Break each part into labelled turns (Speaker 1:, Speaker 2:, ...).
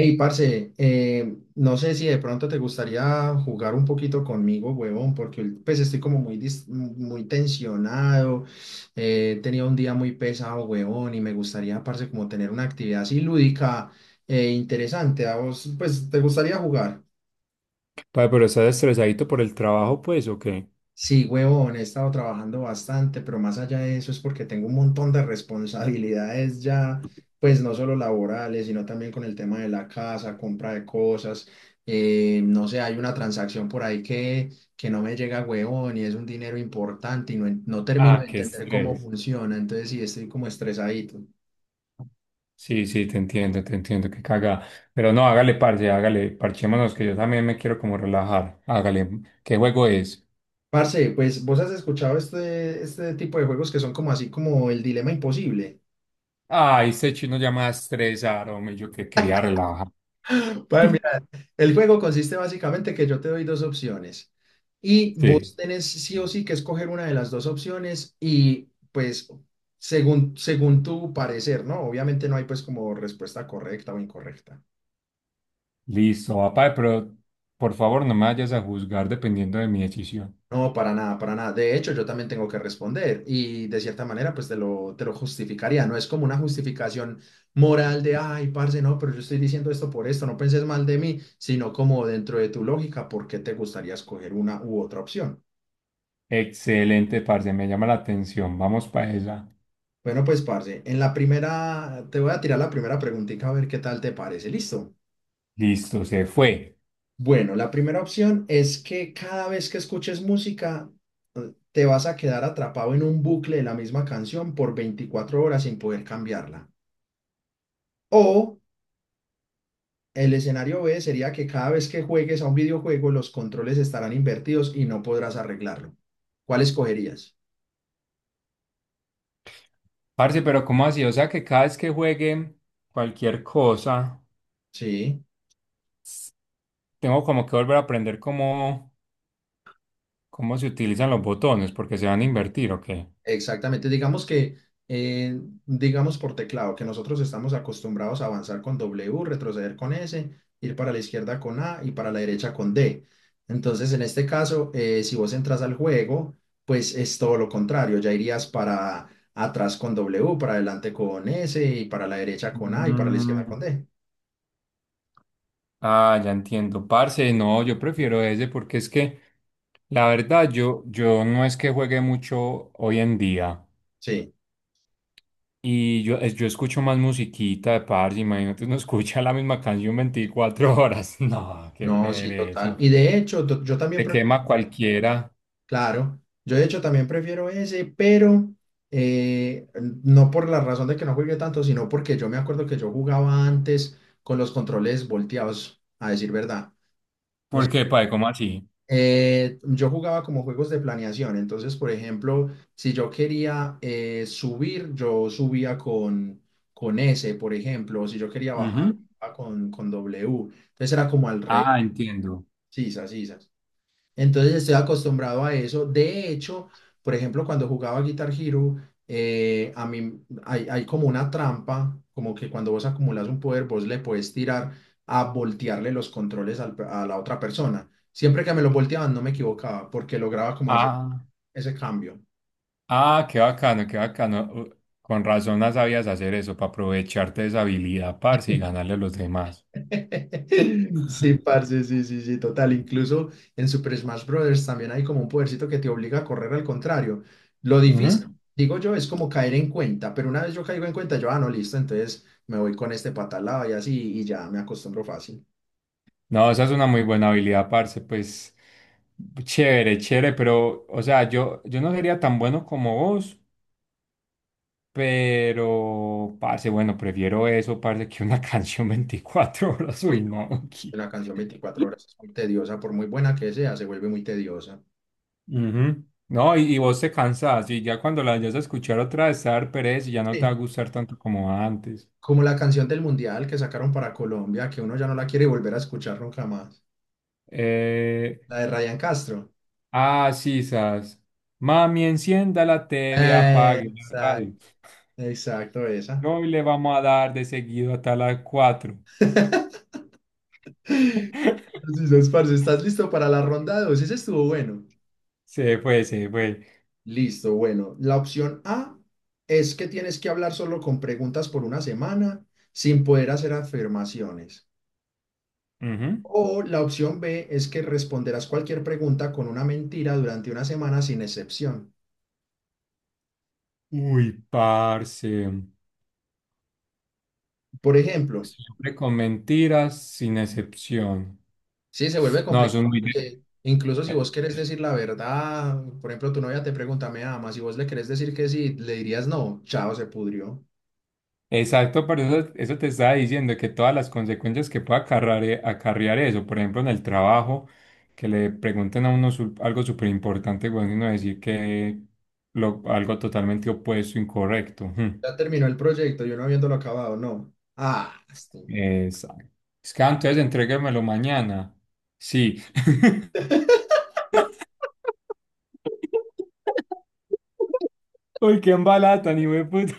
Speaker 1: Hey, parce, no sé si de pronto te gustaría jugar un poquito conmigo, huevón, porque pues estoy como muy tensionado, he tenido un día muy pesado, huevón, y me gustaría, parce, como tener una actividad así lúdica e interesante. ¿A vos, pues, te gustaría jugar?
Speaker 2: Padre, pero estás estresadito por el trabajo, pues, ¿o qué?
Speaker 1: Sí, huevón, he estado trabajando bastante, pero más allá de eso es porque tengo un montón de responsabilidades ya, pues no solo laborales, sino también con el tema de la casa, compra de cosas. No sé, hay una transacción por ahí que no me llega, huevón, y es un dinero importante y no, no termino
Speaker 2: Ah,
Speaker 1: de
Speaker 2: qué
Speaker 1: entender cómo
Speaker 2: estrés.
Speaker 1: funciona. Entonces sí, estoy como estresadito.
Speaker 2: Sí, sí, te entiendo, qué caga. Pero no, hágale parce, hágale, parchémonos, que yo también me quiero como relajar. Hágale, ¿qué juego es?
Speaker 1: Parce, pues vos has escuchado este tipo de juegos que son como así como el dilema imposible.
Speaker 2: Ay, este chino ya me va a estresar, hombre. Yo que quería relajar.
Speaker 1: El juego consiste básicamente que yo te doy dos opciones y vos
Speaker 2: Sí,
Speaker 1: tenés sí o sí que escoger una de las dos opciones y pues según tu parecer, ¿no? Obviamente no hay pues como respuesta correcta o incorrecta.
Speaker 2: listo, va, pero por favor no me vayas a juzgar dependiendo de mi decisión.
Speaker 1: No, para nada, para nada. De hecho, yo también tengo que responder y de cierta manera pues te lo justificaría. No es como una justificación moral de, ay, parce, no, pero yo estoy diciendo esto por esto, no penses mal de mí, sino como dentro de tu lógica, ¿por qué te gustaría escoger una u otra opción?
Speaker 2: Excelente, parce, me llama la atención, vamos para esa.
Speaker 1: Bueno, pues, parce, en la primera, te voy a tirar la primera preguntita a ver qué tal te parece. ¿Listo?
Speaker 2: Listo, se fue.
Speaker 1: Bueno, la primera opción es que cada vez que escuches música, te vas a quedar atrapado en un bucle de la misma canción por 24 horas sin poder cambiarla. O el escenario B sería que cada vez que juegues a un videojuego, los controles estarán invertidos y no podrás arreglarlo. ¿Cuál escogerías?
Speaker 2: Parce, pero ¿cómo así? O sea que cada vez que juegue cualquier cosa,
Speaker 1: Sí.
Speaker 2: s- tengo como que volver a aprender cómo se utilizan los botones, porque se van a invertir, ¿o qué?
Speaker 1: Exactamente, eh, digamos por teclado, que nosotros estamos acostumbrados a avanzar con W, retroceder con S, ir para la izquierda con A y para la derecha con D. Entonces, en este caso, si vos entras al juego, pues es todo lo contrario, ya irías para atrás con W, para adelante con S y para la derecha con A y para la izquierda
Speaker 2: Mm.
Speaker 1: con D.
Speaker 2: Ah, ya entiendo. Parce, no, yo prefiero ese porque es que la verdad yo no es que juegue mucho hoy en día.
Speaker 1: Sí,
Speaker 2: Y yo escucho más musiquita de parce, imagínate, uno escucha la misma canción 24 horas. No, qué
Speaker 1: no, sí, total.
Speaker 2: pereza.
Speaker 1: Y de hecho, yo también.
Speaker 2: Te quema cualquiera.
Speaker 1: Claro, yo de hecho también prefiero ese, pero eh, no por la razón de que no jugué tanto, sino porque yo me acuerdo que yo jugaba antes con los controles volteados, a decir verdad.
Speaker 2: ¿Por qué, padre? ¿Cómo así?
Speaker 1: Yo jugaba como juegos de planeación, entonces, por ejemplo, si yo quería subir, yo subía con S, por ejemplo, si yo quería bajar,
Speaker 2: Ujú.
Speaker 1: bajaba con W, entonces era como al revés,
Speaker 2: Ah, entiendo.
Speaker 1: sisas, sisas. Entonces estoy acostumbrado a eso. De hecho, por ejemplo, cuando jugaba Guitar Hero, a mí hay como una trampa, como que cuando vos acumulas un poder, vos le puedes tirar a voltearle los controles a la otra persona. Siempre que me los volteaban, no me equivocaba, porque lograba como hacer
Speaker 2: Ah,
Speaker 1: ese cambio.
Speaker 2: ah, qué bacano, qué bacano. Con razón no sabías hacer eso, para aprovecharte de esa habilidad, parce, y ganarle a los demás.
Speaker 1: Sí, parce, sí, sí, sí, total. Incluso en Super Smash Bros. También hay como un podercito que te obliga a correr al contrario. Lo difícil,
Speaker 2: Ujú.
Speaker 1: digo yo, es como caer en cuenta, pero una vez yo caigo en cuenta, yo, ah, no, listo, entonces me voy con este patalado y así, y ya me acostumbro fácil.
Speaker 2: No, esa es una muy buena habilidad, parce, pues chévere, chévere, pero, o sea, yo no sería tan bueno como vos, pero, parce, bueno, prefiero eso, parce, que una canción 24 horas,
Speaker 1: Uy,
Speaker 2: uy,
Speaker 1: no,
Speaker 2: no,
Speaker 1: es que
Speaker 2: aquí.
Speaker 1: la canción 24 horas es muy tediosa, por muy buena que sea, se vuelve muy tediosa.
Speaker 2: Ujú. No, y vos te cansás y ya cuando la vayas a escuchar otra vez te va a dar pereza y ya no te va a
Speaker 1: Sí,
Speaker 2: gustar tanto como antes.
Speaker 1: como la canción del Mundial que sacaron para Colombia, que uno ya no la quiere volver a escuchar nunca más.
Speaker 2: Eh,
Speaker 1: La de Ryan Castro.
Speaker 2: ah, sí, sas. Mami, encienda la TV, apague la radio.
Speaker 1: Exacto. Exacto, esa.
Speaker 2: Hoy le vamos a dar de seguido hasta las 4.
Speaker 1: Así es, parce. ¿Estás listo para la ronda 2? Ese estuvo bueno.
Speaker 2: Se fue, se fue.
Speaker 1: Listo, bueno. La opción A es que tienes que hablar solo con preguntas por una semana sin poder hacer afirmaciones.
Speaker 2: Ujú.
Speaker 1: O la opción B es que responderás cualquier pregunta con una mentira durante una semana sin excepción.
Speaker 2: Uy, parce.
Speaker 1: Por ejemplo,
Speaker 2: Siempre con mentiras, sin excepción.
Speaker 1: sí, se vuelve
Speaker 2: No, son
Speaker 1: complicado
Speaker 2: muy...
Speaker 1: porque incluso si vos querés decir la verdad, por ejemplo, tu novia te pregunta, ¿me amas? Si vos le querés decir que sí, le dirías no, chao, se pudrió.
Speaker 2: Exacto, por eso, eso te estaba diciendo que todas las consecuencias que pueda acarrear, eso, por ejemplo, en el trabajo, que le pregunten a uno algo súper importante, bueno, y uno decir que algo totalmente opuesto, incorrecto. Ujú.
Speaker 1: Ya terminó el proyecto y uno habiéndolo acabado, no. Ah, este güey.
Speaker 2: Exacto. Es que "Ah, entonces entréguemelo mañana". Sí. Uy, qué embalada, ni me puta.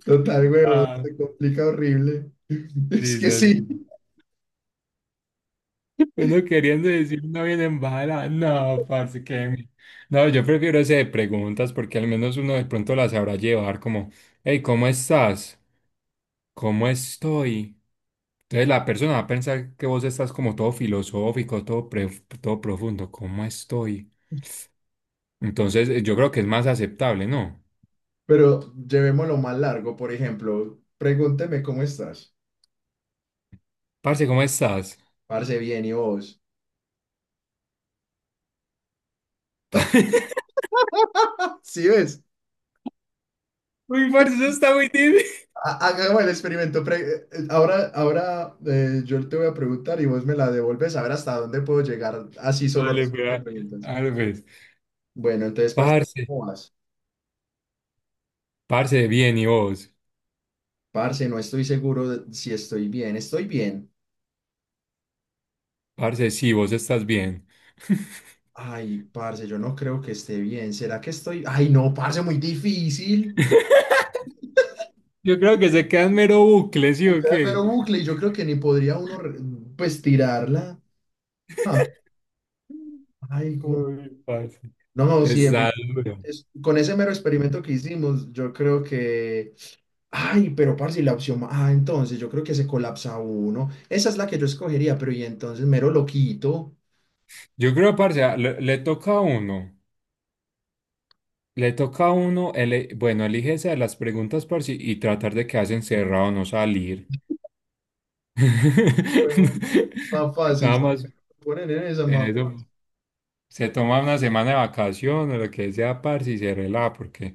Speaker 1: Total, huevón,
Speaker 2: Ah,
Speaker 1: se complica horrible. Es
Speaker 2: sí,
Speaker 1: que
Speaker 2: sí,
Speaker 1: sí,
Speaker 2: sí. Uno queriendo decir no viene en bala. No, parce, que... No, yo prefiero ese de preguntas porque al menos uno de pronto la sabrá llevar como, hey, ¿cómo estás? ¿Cómo estoy? Entonces la persona va a pensar que vos estás como todo filosófico, todo, todo profundo. ¿Cómo estoy? Entonces yo creo que es más aceptable, ¿no?
Speaker 1: pero llevémoslo más largo, por ejemplo, pregúnteme cómo estás.
Speaker 2: Parce, ¿cómo estás?
Speaker 1: Parce, bien, ¿y vos? Sí, ves,
Speaker 2: Uy, parce, eso está muy difícil.
Speaker 1: Hagamos el experimento. Ahora ahora yo te voy a preguntar y vos me la devuelves a ver hasta dónde puedo llegar así solo
Speaker 2: Dale,
Speaker 1: respondiendo
Speaker 2: pues,
Speaker 1: preguntas.
Speaker 2: dale, pues.
Speaker 1: Bueno, entonces, parce,
Speaker 2: Parce,
Speaker 1: ¿cómo vas?
Speaker 2: parce, bien, ¿y vos?
Speaker 1: Parce, no estoy seguro de si estoy bien. Estoy bien.
Speaker 2: Parce, sí, vos estás bien.
Speaker 1: Ay, parce, yo no creo que esté bien. ¿Será que estoy? Ay, no, parce, muy difícil.
Speaker 2: Yo creo que se quedan mero bucle, ¿sí
Speaker 1: Me
Speaker 2: o
Speaker 1: queda
Speaker 2: qué?
Speaker 1: mero bucle y yo creo que ni podría uno, pues, tirarla. Ah, ay, güey.
Speaker 2: Uy, parce.
Speaker 1: No, sí,
Speaker 2: Está
Speaker 1: definitivamente.
Speaker 2: duro.
Speaker 1: Con ese mero experimento que hicimos, yo creo que... Ay, pero parce, y la opción... Ah, entonces, yo creo que se colapsa uno. Esa es la que yo escogería, pero y entonces, mero loquito.
Speaker 2: Yo creo, parce, le toca a uno. Le toca a uno, bueno, elige esa de las preguntas, parce, y tratar de quedarse encerrado, no salir.
Speaker 1: Huevón, más fácil,
Speaker 2: Nada
Speaker 1: sí.
Speaker 2: más,
Speaker 1: Ponen en esa más
Speaker 2: eso.
Speaker 1: fácil.
Speaker 2: Se toma una semana de vacaciones, lo que sea, parce, y se relaja, porque,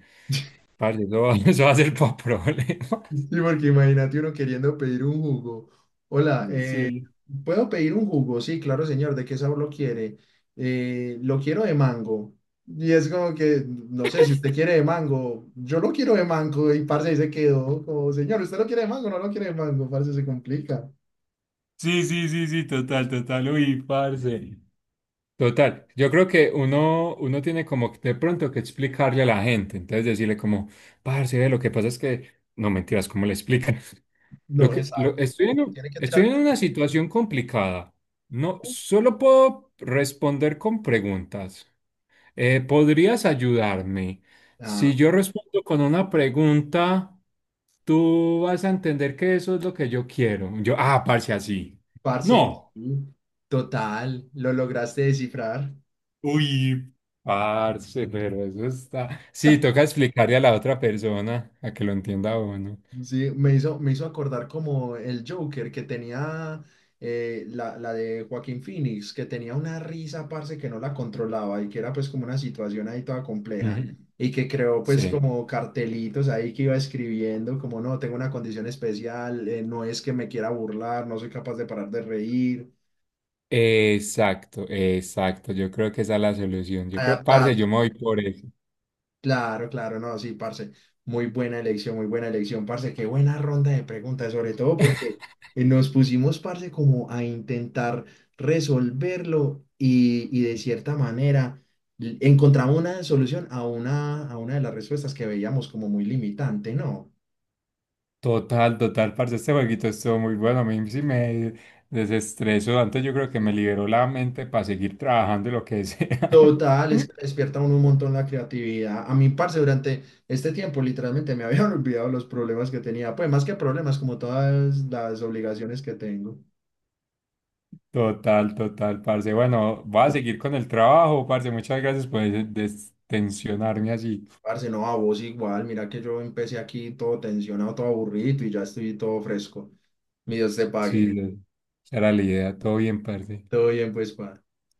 Speaker 2: parce, eso va, eso va a ser para problemas.
Speaker 1: Sí, porque imagínate uno queriendo pedir un jugo. Hola,
Speaker 2: Sí.
Speaker 1: ¿puedo pedir un jugo? Sí, claro, señor. ¿De qué sabor lo quiere? Lo quiero de mango. Y es como que, no sé, si usted quiere de mango, yo lo quiero de mango. Y parce ahí se quedó como, señor, ¿usted lo quiere de mango? No lo quiere de mango, parce, se complica.
Speaker 2: Sí, sí, sí, sí, total, total. Uy, parce. Total, yo creo que uno tiene como que de pronto que explicarle a la gente, entonces decirle como, parce, ve, lo que pasa es que, no mentiras, ¿cómo le explican? Lo
Speaker 1: No,
Speaker 2: que, lo,
Speaker 1: exacto.
Speaker 2: estoy en,
Speaker 1: Como
Speaker 2: un-
Speaker 1: tiene que
Speaker 2: estoy
Speaker 1: tirar.
Speaker 2: en una situación complicada, no, solo puedo responder con preguntas. ¿Podrías ayudarme?
Speaker 1: Ah,
Speaker 2: Si yo respondo con una pregunta, tú vas a entender que eso es lo que yo quiero. Ah, parce, así.
Speaker 1: parce,
Speaker 2: No.
Speaker 1: sí, total, lo lograste descifrar.
Speaker 2: Uy, parce, pero eso está. Sí, toca explicarle a la otra persona a que lo entienda uno.
Speaker 1: Sí, me hizo acordar como el Joker que tenía la de Joaquín Phoenix, que tenía una risa, parce, que no la controlaba y que era pues como una situación ahí toda compleja
Speaker 2: Ujú.
Speaker 1: y que creó pues
Speaker 2: Sí.
Speaker 1: como cartelitos ahí que iba escribiendo como no, tengo una condición especial, no es que me quiera burlar, no soy capaz de parar de reír,
Speaker 2: Exacto, exacto. Yo creo que esa es la solución. Yo creo,
Speaker 1: adaptar
Speaker 2: parce, yo me voy por eso.
Speaker 1: claro, claro, no, sí, parce. Muy buena elección, parce. Qué buena ronda de preguntas, sobre todo porque nos pusimos, parce, como a intentar resolverlo y de cierta manera encontramos una solución a una de las respuestas que veíamos como muy limitante, ¿no?
Speaker 2: Total, total, parce. Este jueguito estuvo muy bueno. A mí sí me desestresó. Antes yo creo que me
Speaker 1: Sí.
Speaker 2: liberó la mente para seguir trabajando y lo que sea.
Speaker 1: Total, es que despierta uno un montón la creatividad. A mí, parce, durante este tiempo literalmente me habían olvidado los problemas que tenía, pues más que problemas, como todas las obligaciones que tengo.
Speaker 2: Total, total, parce. Bueno, voy a seguir con el trabajo, parce. Muchas gracias por destensionarme así.
Speaker 1: Parce, no, a vos igual, mira que yo empecé aquí todo tensionado, todo aburrido y ya estoy todo fresco. Mi Dios te
Speaker 2: Sí,
Speaker 1: pague.
Speaker 2: era la idea. Todo bien, parce.
Speaker 1: Todo bien, pues, pa.